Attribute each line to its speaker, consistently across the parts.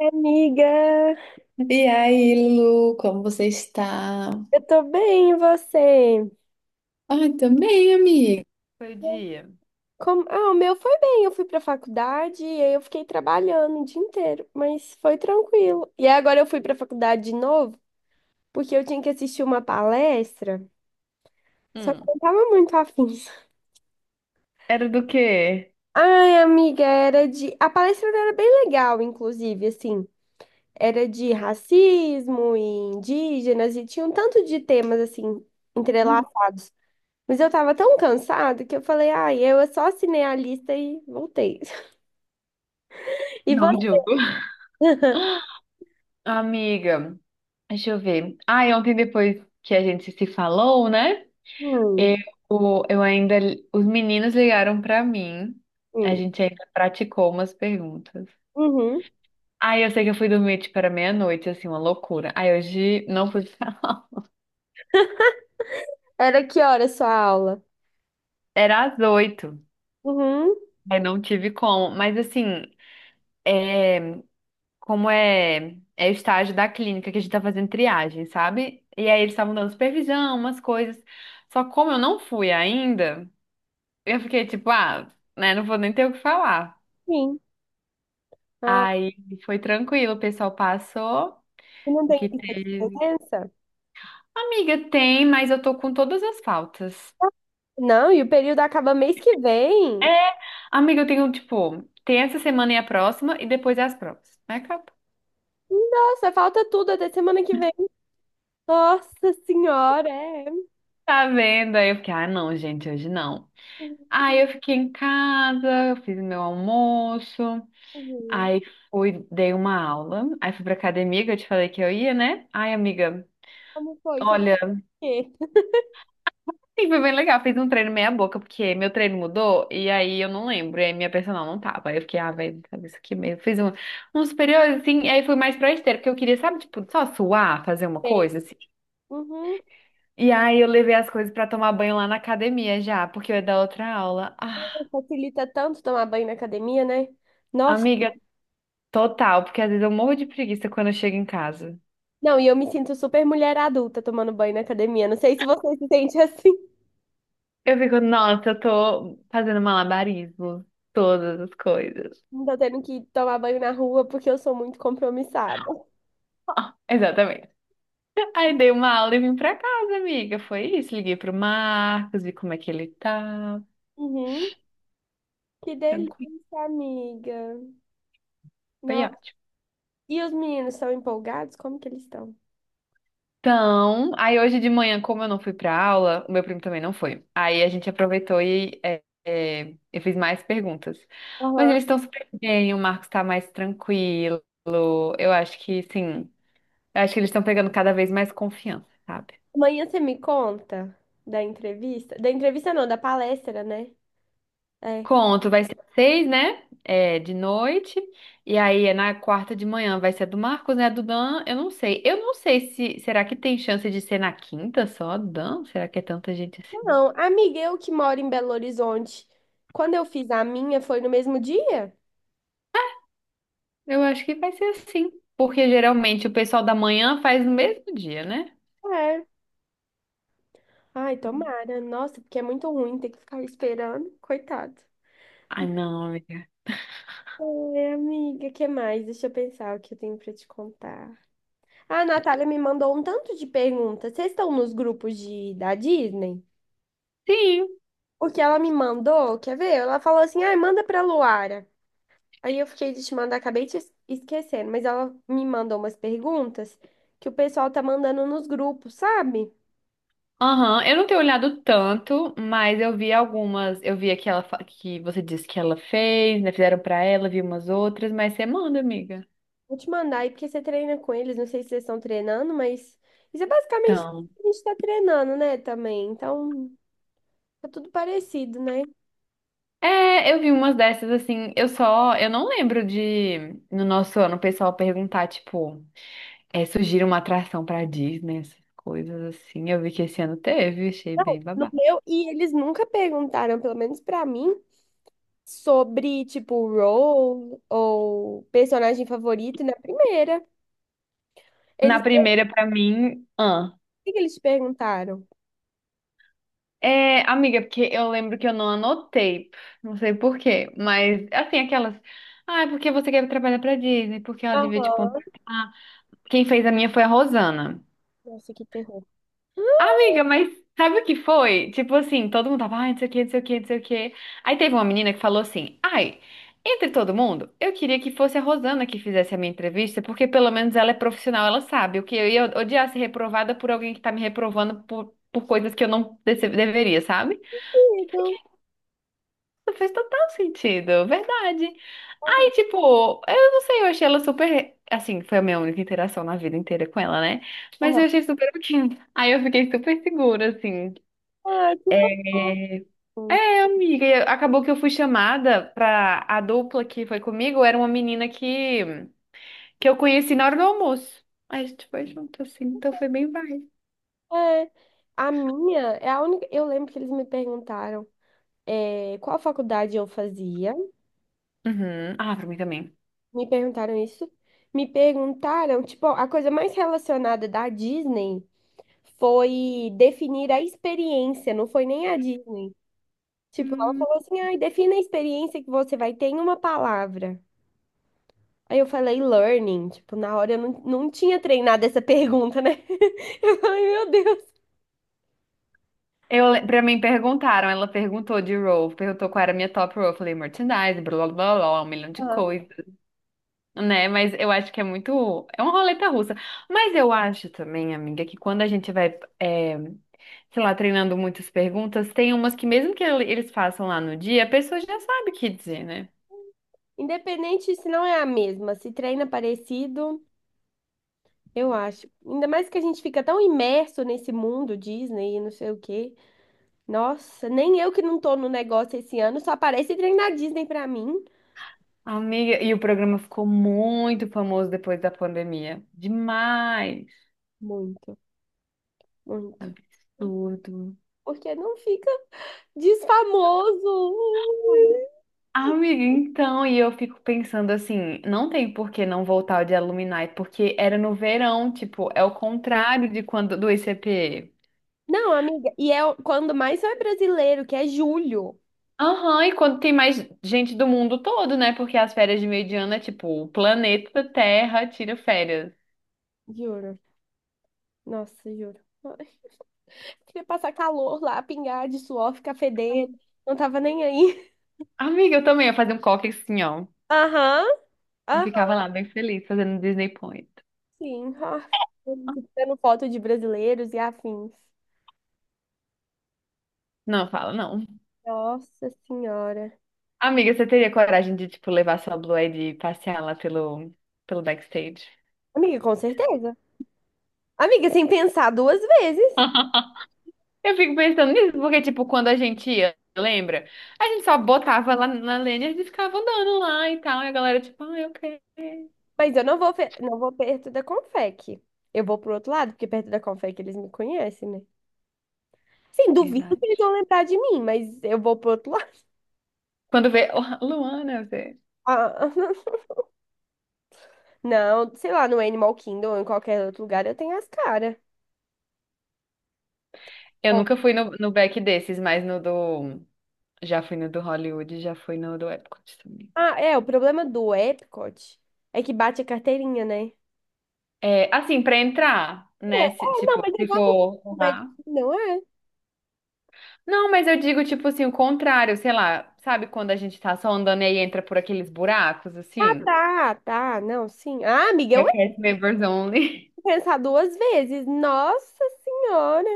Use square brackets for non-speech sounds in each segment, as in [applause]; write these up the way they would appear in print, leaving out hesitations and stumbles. Speaker 1: Amiga,
Speaker 2: E aí, Lu, como você está?
Speaker 1: eu tô bem, e você?
Speaker 2: Ai, também, amiga. Foi dia.
Speaker 1: Como... Ah, o meu foi bem, eu fui pra faculdade e aí eu fiquei trabalhando o dia inteiro, mas foi tranquilo. E aí agora eu fui pra faculdade de novo, porque eu tinha que assistir uma palestra, só que eu
Speaker 2: Hum.
Speaker 1: não tava muito afim.
Speaker 2: Era do quê?
Speaker 1: [laughs] Ai, amiga, era de... A palestra era bem legal, inclusive, assim, era de racismo e indígenas e tinha um tanto de temas, assim,
Speaker 2: Hum.
Speaker 1: entrelaçados. Mas eu tava tão cansada que eu falei, ai, eu só assinei a lista e voltei. [laughs] E
Speaker 2: Não,
Speaker 1: você?
Speaker 2: Diogo. Amiga, deixa eu ver. Ah, e ontem depois que a gente se falou, né?
Speaker 1: Hum,
Speaker 2: Eu ainda. Os meninos ligaram pra mim. A
Speaker 1: hum,
Speaker 2: gente ainda praticou umas perguntas.
Speaker 1: uhum.
Speaker 2: Aí eu sei que eu fui dormir tipo era meia-noite, assim, uma loucura. Aí hoje não pude [laughs] falar.
Speaker 1: Era que hora a sua aula?
Speaker 2: Era às oito.
Speaker 1: Uhum,
Speaker 2: Aí não tive como. Mas assim, é. Como é, o estágio da clínica que a gente tá fazendo triagem, sabe? E aí eles estavam dando supervisão, umas coisas. Só como eu não fui ainda, eu fiquei tipo, ah, né, não vou nem ter o que falar.
Speaker 1: sim. Ah,
Speaker 2: Aí foi tranquilo, o pessoal passou,
Speaker 1: e não
Speaker 2: o
Speaker 1: tem
Speaker 2: que
Speaker 1: lista de
Speaker 2: teve.
Speaker 1: presença?
Speaker 2: Amiga, tem, mas eu tô com todas as faltas.
Speaker 1: Não, e o período acaba mês que
Speaker 2: É,
Speaker 1: vem?
Speaker 2: amiga, eu tenho, tipo, tem essa semana e a próxima, e depois é as provas. Aí acabou.
Speaker 1: Nossa, falta tudo até semana que vem. Nossa senhora, é.
Speaker 2: Tá vendo? Aí eu fiquei, ah, não, gente, hoje não. Aí eu fiquei em casa, eu fiz meu almoço,
Speaker 1: Uhum.
Speaker 2: aí fui, dei uma aula, aí fui pra academia, que eu te falei que eu ia, né? Ai, amiga,
Speaker 1: Como foi? Isso
Speaker 2: olha,
Speaker 1: aqui?
Speaker 2: sim, foi bem legal, fiz um treino meia boca, porque meu treino mudou, e aí eu não lembro, e aí minha personal não tava, aí eu fiquei, ah, velho, sabe isso aqui mesmo, fiz um, um superior, assim, e aí fui mais pra esteira, porque eu queria, sabe, tipo, só suar, fazer uma
Speaker 1: Bem,
Speaker 2: coisa, assim.
Speaker 1: uhum.
Speaker 2: E aí eu levei as coisas pra tomar banho lá na academia já, porque eu ia dar outra aula. Ah,
Speaker 1: Facilita tanto tomar banho na academia, né? Nossa.
Speaker 2: amiga, total, porque às vezes eu morro de preguiça quando eu chego em casa.
Speaker 1: Não, e eu me sinto super mulher adulta tomando banho na academia. Não sei se você se sente [laughs] assim.
Speaker 2: Eu fico, nossa, eu tô fazendo malabarismo, todas as coisas.
Speaker 1: Não tô tendo que tomar banho na rua porque eu sou muito compromissada.
Speaker 2: Exatamente. [laughs] Aí dei uma aula e vim pra casa, amiga. Foi isso. Liguei pro Marcos, vi como é que ele tá.
Speaker 1: Uhum. Que
Speaker 2: Tranquilo.
Speaker 1: delícia, amiga.
Speaker 2: Foi
Speaker 1: Nossa.
Speaker 2: ótimo.
Speaker 1: E os meninos são empolgados? Como que eles estão?
Speaker 2: Então, aí hoje de manhã, como eu não fui pra aula, o meu primo também não foi. Aí a gente aproveitou e eu fiz mais perguntas. Mas
Speaker 1: Aham.
Speaker 2: eles estão super bem, o Marcos tá mais tranquilo. Eu acho que sim. Eu acho que eles estão pegando cada vez mais confiança, sabe?
Speaker 1: Amanhã você me conta da entrevista? Da entrevista não, da palestra, né? É.
Speaker 2: Conto, vai ser seis, né? É, de noite. E aí é na quarta de manhã vai ser a do Marcos, né? A do Dan, eu não sei. Eu não sei se. Será que tem chance de ser na quinta só, a do Dan? Será que é tanta gente assim?
Speaker 1: Não, amiga, eu que moro em Belo Horizonte. Quando eu fiz a minha, foi no mesmo dia?
Speaker 2: Eu acho que vai ser assim. Porque geralmente o pessoal da manhã faz no mesmo dia, né?
Speaker 1: É. Ai, tomara. Nossa, porque é muito ruim ter que ficar esperando. Coitado.
Speaker 2: Ai, não, amiga.
Speaker 1: Oi, amiga, que mais? Deixa eu pensar o que eu tenho pra te contar. A Natália me mandou um tanto de perguntas. Vocês estão nos grupos de, da Disney?
Speaker 2: Sim.
Speaker 1: O que ela me mandou, quer ver? Ela falou assim, ai, manda pra Luara. Aí eu fiquei de te mandar, acabei te esquecendo. Mas ela me mandou umas perguntas que o pessoal tá mandando nos grupos, sabe?
Speaker 2: Aham, eu não tenho olhado tanto, mas eu vi algumas. Eu vi aquela que você disse que ela fez, né? Fizeram pra ela, vi umas outras, mas você manda, amiga.
Speaker 1: Vou te mandar aí, porque você treina com eles, não sei se vocês estão treinando, mas isso é basicamente o
Speaker 2: Então.
Speaker 1: que a gente tá treinando, né, também. Então, tá tudo parecido, né?
Speaker 2: É, eu vi umas dessas assim. Eu só. Eu não lembro de, no nosso ano, o pessoal perguntar, tipo, é, sugira uma atração pra Disney, essas coisas assim. Eu vi que esse ano teve, achei
Speaker 1: Não,
Speaker 2: bem
Speaker 1: no
Speaker 2: babá.
Speaker 1: meu, e eles nunca perguntaram, pelo menos pra mim, sobre, tipo, role ou personagem favorito na primeira.
Speaker 2: Na
Speaker 1: Eles, o
Speaker 2: primeira, pra mim.
Speaker 1: que que eles te perguntaram?
Speaker 2: É, amiga, porque eu lembro que eu não anotei, não sei por quê, mas assim, aquelas. Ah, é porque você quer trabalhar pra Disney, porque ela devia te
Speaker 1: Aham.
Speaker 2: contratar. Quem fez a minha foi a Rosana.
Speaker 1: Nossa, que terror.
Speaker 2: Amiga, mas sabe o que foi? Tipo assim, todo mundo tava, ai, não sei o que, não sei o que, não sei o que. Aí teve uma menina que falou assim: ai, entre todo mundo, eu queria que fosse a Rosana que fizesse a minha entrevista, porque pelo menos ela é profissional, ela sabe. O que eu ia odiar ser reprovada por alguém que tá me reprovando por coisas que eu não deveria, sabe?
Speaker 1: Querido.
Speaker 2: Fez total sentido, verdade. Aí, tipo, eu não sei, eu achei ela super. Assim, foi a minha única interação na vida inteira com ela, né? Mas
Speaker 1: Aham.
Speaker 2: eu achei super ok. Aí eu fiquei super segura, assim.
Speaker 1: Ah, que
Speaker 2: É,
Speaker 1: bom.
Speaker 2: amiga, e acabou que eu fui chamada pra a dupla que foi comigo, era uma menina que eu conheci na hora do almoço. Aí a gente foi junto, assim, então foi bem vibe.
Speaker 1: É, a minha é a única. Eu lembro que eles me perguntaram. É, qual faculdade eu fazia.
Speaker 2: Uhum. Ah, pra mim também.
Speaker 1: Me perguntaram isso. Me perguntaram, tipo, a coisa mais relacionada da Disney foi definir a experiência, não foi nem a Disney. Tipo, ela
Speaker 2: Hum.
Speaker 1: falou assim, ai, defina a experiência que você vai ter em uma palavra. Aí eu falei learning, tipo, na hora eu não tinha treinado essa pergunta, né? [laughs] Eu falei, meu Deus.
Speaker 2: Eu, pra mim perguntaram, ela perguntou de role, perguntou qual era a minha top role. Eu falei merchandise, blá blá blá, blá, um milhão de
Speaker 1: Aham.
Speaker 2: coisas. Né, mas eu acho que é muito. É uma roleta russa. Mas eu acho também, amiga, que quando a gente vai, é, sei lá, treinando muitas perguntas, tem umas que, mesmo que eles façam lá no dia, a pessoa já sabe o que dizer, né?
Speaker 1: Independente se não é a mesma, se treina parecido, eu acho. Ainda mais que a gente fica tão imerso nesse mundo Disney e não sei o quê. Nossa, nem eu que não tô no negócio esse ano, só aparece trem na Disney pra mim.
Speaker 2: Amiga, e o programa ficou muito famoso depois da pandemia. Demais.
Speaker 1: Muito, muito.
Speaker 2: Absurdo.
Speaker 1: Porque não fica [laughs] desfamoso.
Speaker 2: Amiga, então, e eu fico pensando assim, não tem por que não voltar o de Alumni, porque era no verão, tipo, é o contrário de quando do ICP.
Speaker 1: Não, amiga, e é o- quando mais só é brasileiro, que é julho.
Speaker 2: Aham, e quando tem mais gente do mundo todo, né? Porque as férias de meio de ano é tipo, o planeta Terra tira férias.
Speaker 1: Juro. Nossa, juro. Ai, queria passar calor lá, pingar de suor, ficar fedendo. Não tava nem aí.
Speaker 2: Amiga, eu também ia fazer um coque assim, ó.
Speaker 1: Aham.
Speaker 2: E ficava lá bem feliz fazendo Disney Point.
Speaker 1: Sim, [laughs] ah, tirando foto de brasileiros e afins.
Speaker 2: Não, fala, não.
Speaker 1: Nossa Senhora.
Speaker 2: Amiga, você teria coragem de, tipo, levar sua Blue Ed e passear lá pelo, pelo backstage?
Speaker 1: Amiga, com certeza. Amiga, sem pensar duas vezes.
Speaker 2: Eu fico pensando nisso, porque, tipo, quando a gente ia, lembra? A gente só botava lá na Lanyard e ficava andando lá e tal. E a galera, tipo, ah, eu quero.
Speaker 1: Mas eu não vou, não vou perto da Confec. Eu vou pro outro lado, porque perto da Confec eles me conhecem, né? Sim, duvido que eles
Speaker 2: Verdade.
Speaker 1: vão lembrar de mim, mas eu vou pro outro lado. [laughs]
Speaker 2: Quando vê, [laughs] oh, Luana, você.
Speaker 1: Ah, [laughs] não, sei lá, no Animal Kingdom ou em qualquer outro lugar eu tenho as caras.
Speaker 2: Eu
Speaker 1: Ó,
Speaker 2: nunca fui no, no back desses, mas no do. Já fui no do Hollywood, já fui no do Epcot também.
Speaker 1: ah, é, o problema do Epcot é que bate a carteirinha, né?
Speaker 2: É, assim, pra entrar,
Speaker 1: É,
Speaker 2: né?
Speaker 1: ah, não,
Speaker 2: Tipo,
Speaker 1: mas é
Speaker 2: se
Speaker 1: igual
Speaker 2: for
Speaker 1: no Magic,
Speaker 2: lá.
Speaker 1: não é?
Speaker 2: Não, mas eu digo, tipo assim, o contrário, sei lá. Sabe quando a gente tá só andando e aí entra por aqueles buracos,
Speaker 1: Ah,
Speaker 2: assim?
Speaker 1: tá, não, sim. Ah, amiga, eu entro
Speaker 2: Request members only.
Speaker 1: pensar duas vezes. Nossa Senhora.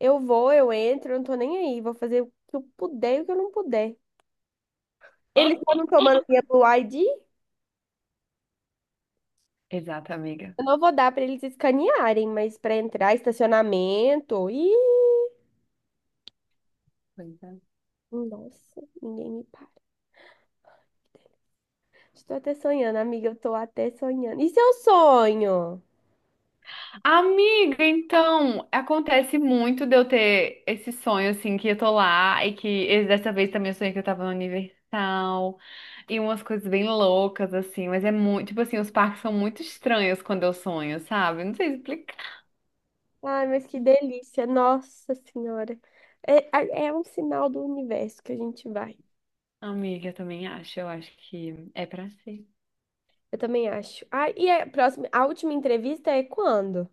Speaker 1: Eu vou, eu entro, eu não tô nem aí. Vou fazer o que eu puder e o que eu não puder. Eles estavam
Speaker 2: [laughs]
Speaker 1: tomando minha Blue ID?
Speaker 2: Exato, amiga.
Speaker 1: Eu não vou dar pra eles escanearem, mas pra entrar, estacionamento. Ih,
Speaker 2: Pois é.
Speaker 1: nossa, ninguém me para. Estou até sonhando, amiga, eu tô até sonhando. Isso é um sonho.
Speaker 2: Amiga, então, acontece muito de eu ter esse sonho, assim, que eu tô lá e que dessa vez também eu sonhei que eu tava no Universal e umas coisas bem loucas, assim, mas é muito, tipo assim, os parques são muito estranhos quando eu sonho, sabe? Não sei explicar.
Speaker 1: Ai, mas que delícia, nossa senhora. É, é um sinal do universo que a gente vai.
Speaker 2: Amiga, eu também acho, eu acho que é pra ser.
Speaker 1: Eu também acho. Ah, e a próxima, a última entrevista é quando?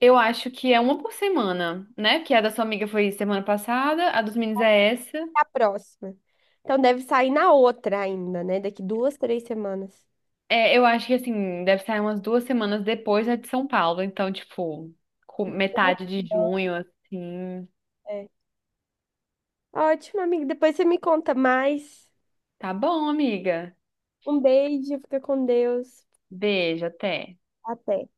Speaker 2: Eu acho que é uma por semana, né? Que a da sua amiga foi semana passada, a dos meninos é essa.
Speaker 1: É a próxima. Então deve sair na outra ainda, né? Daqui duas, três semanas.
Speaker 2: É, eu acho que assim, deve sair umas duas semanas depois, né, de São Paulo. Então, tipo, com metade de junho, assim.
Speaker 1: É. Ótimo, amigo. Depois você me conta mais.
Speaker 2: Tá bom, amiga.
Speaker 1: Um beijo, fica com Deus.
Speaker 2: Beijo, até.
Speaker 1: Até.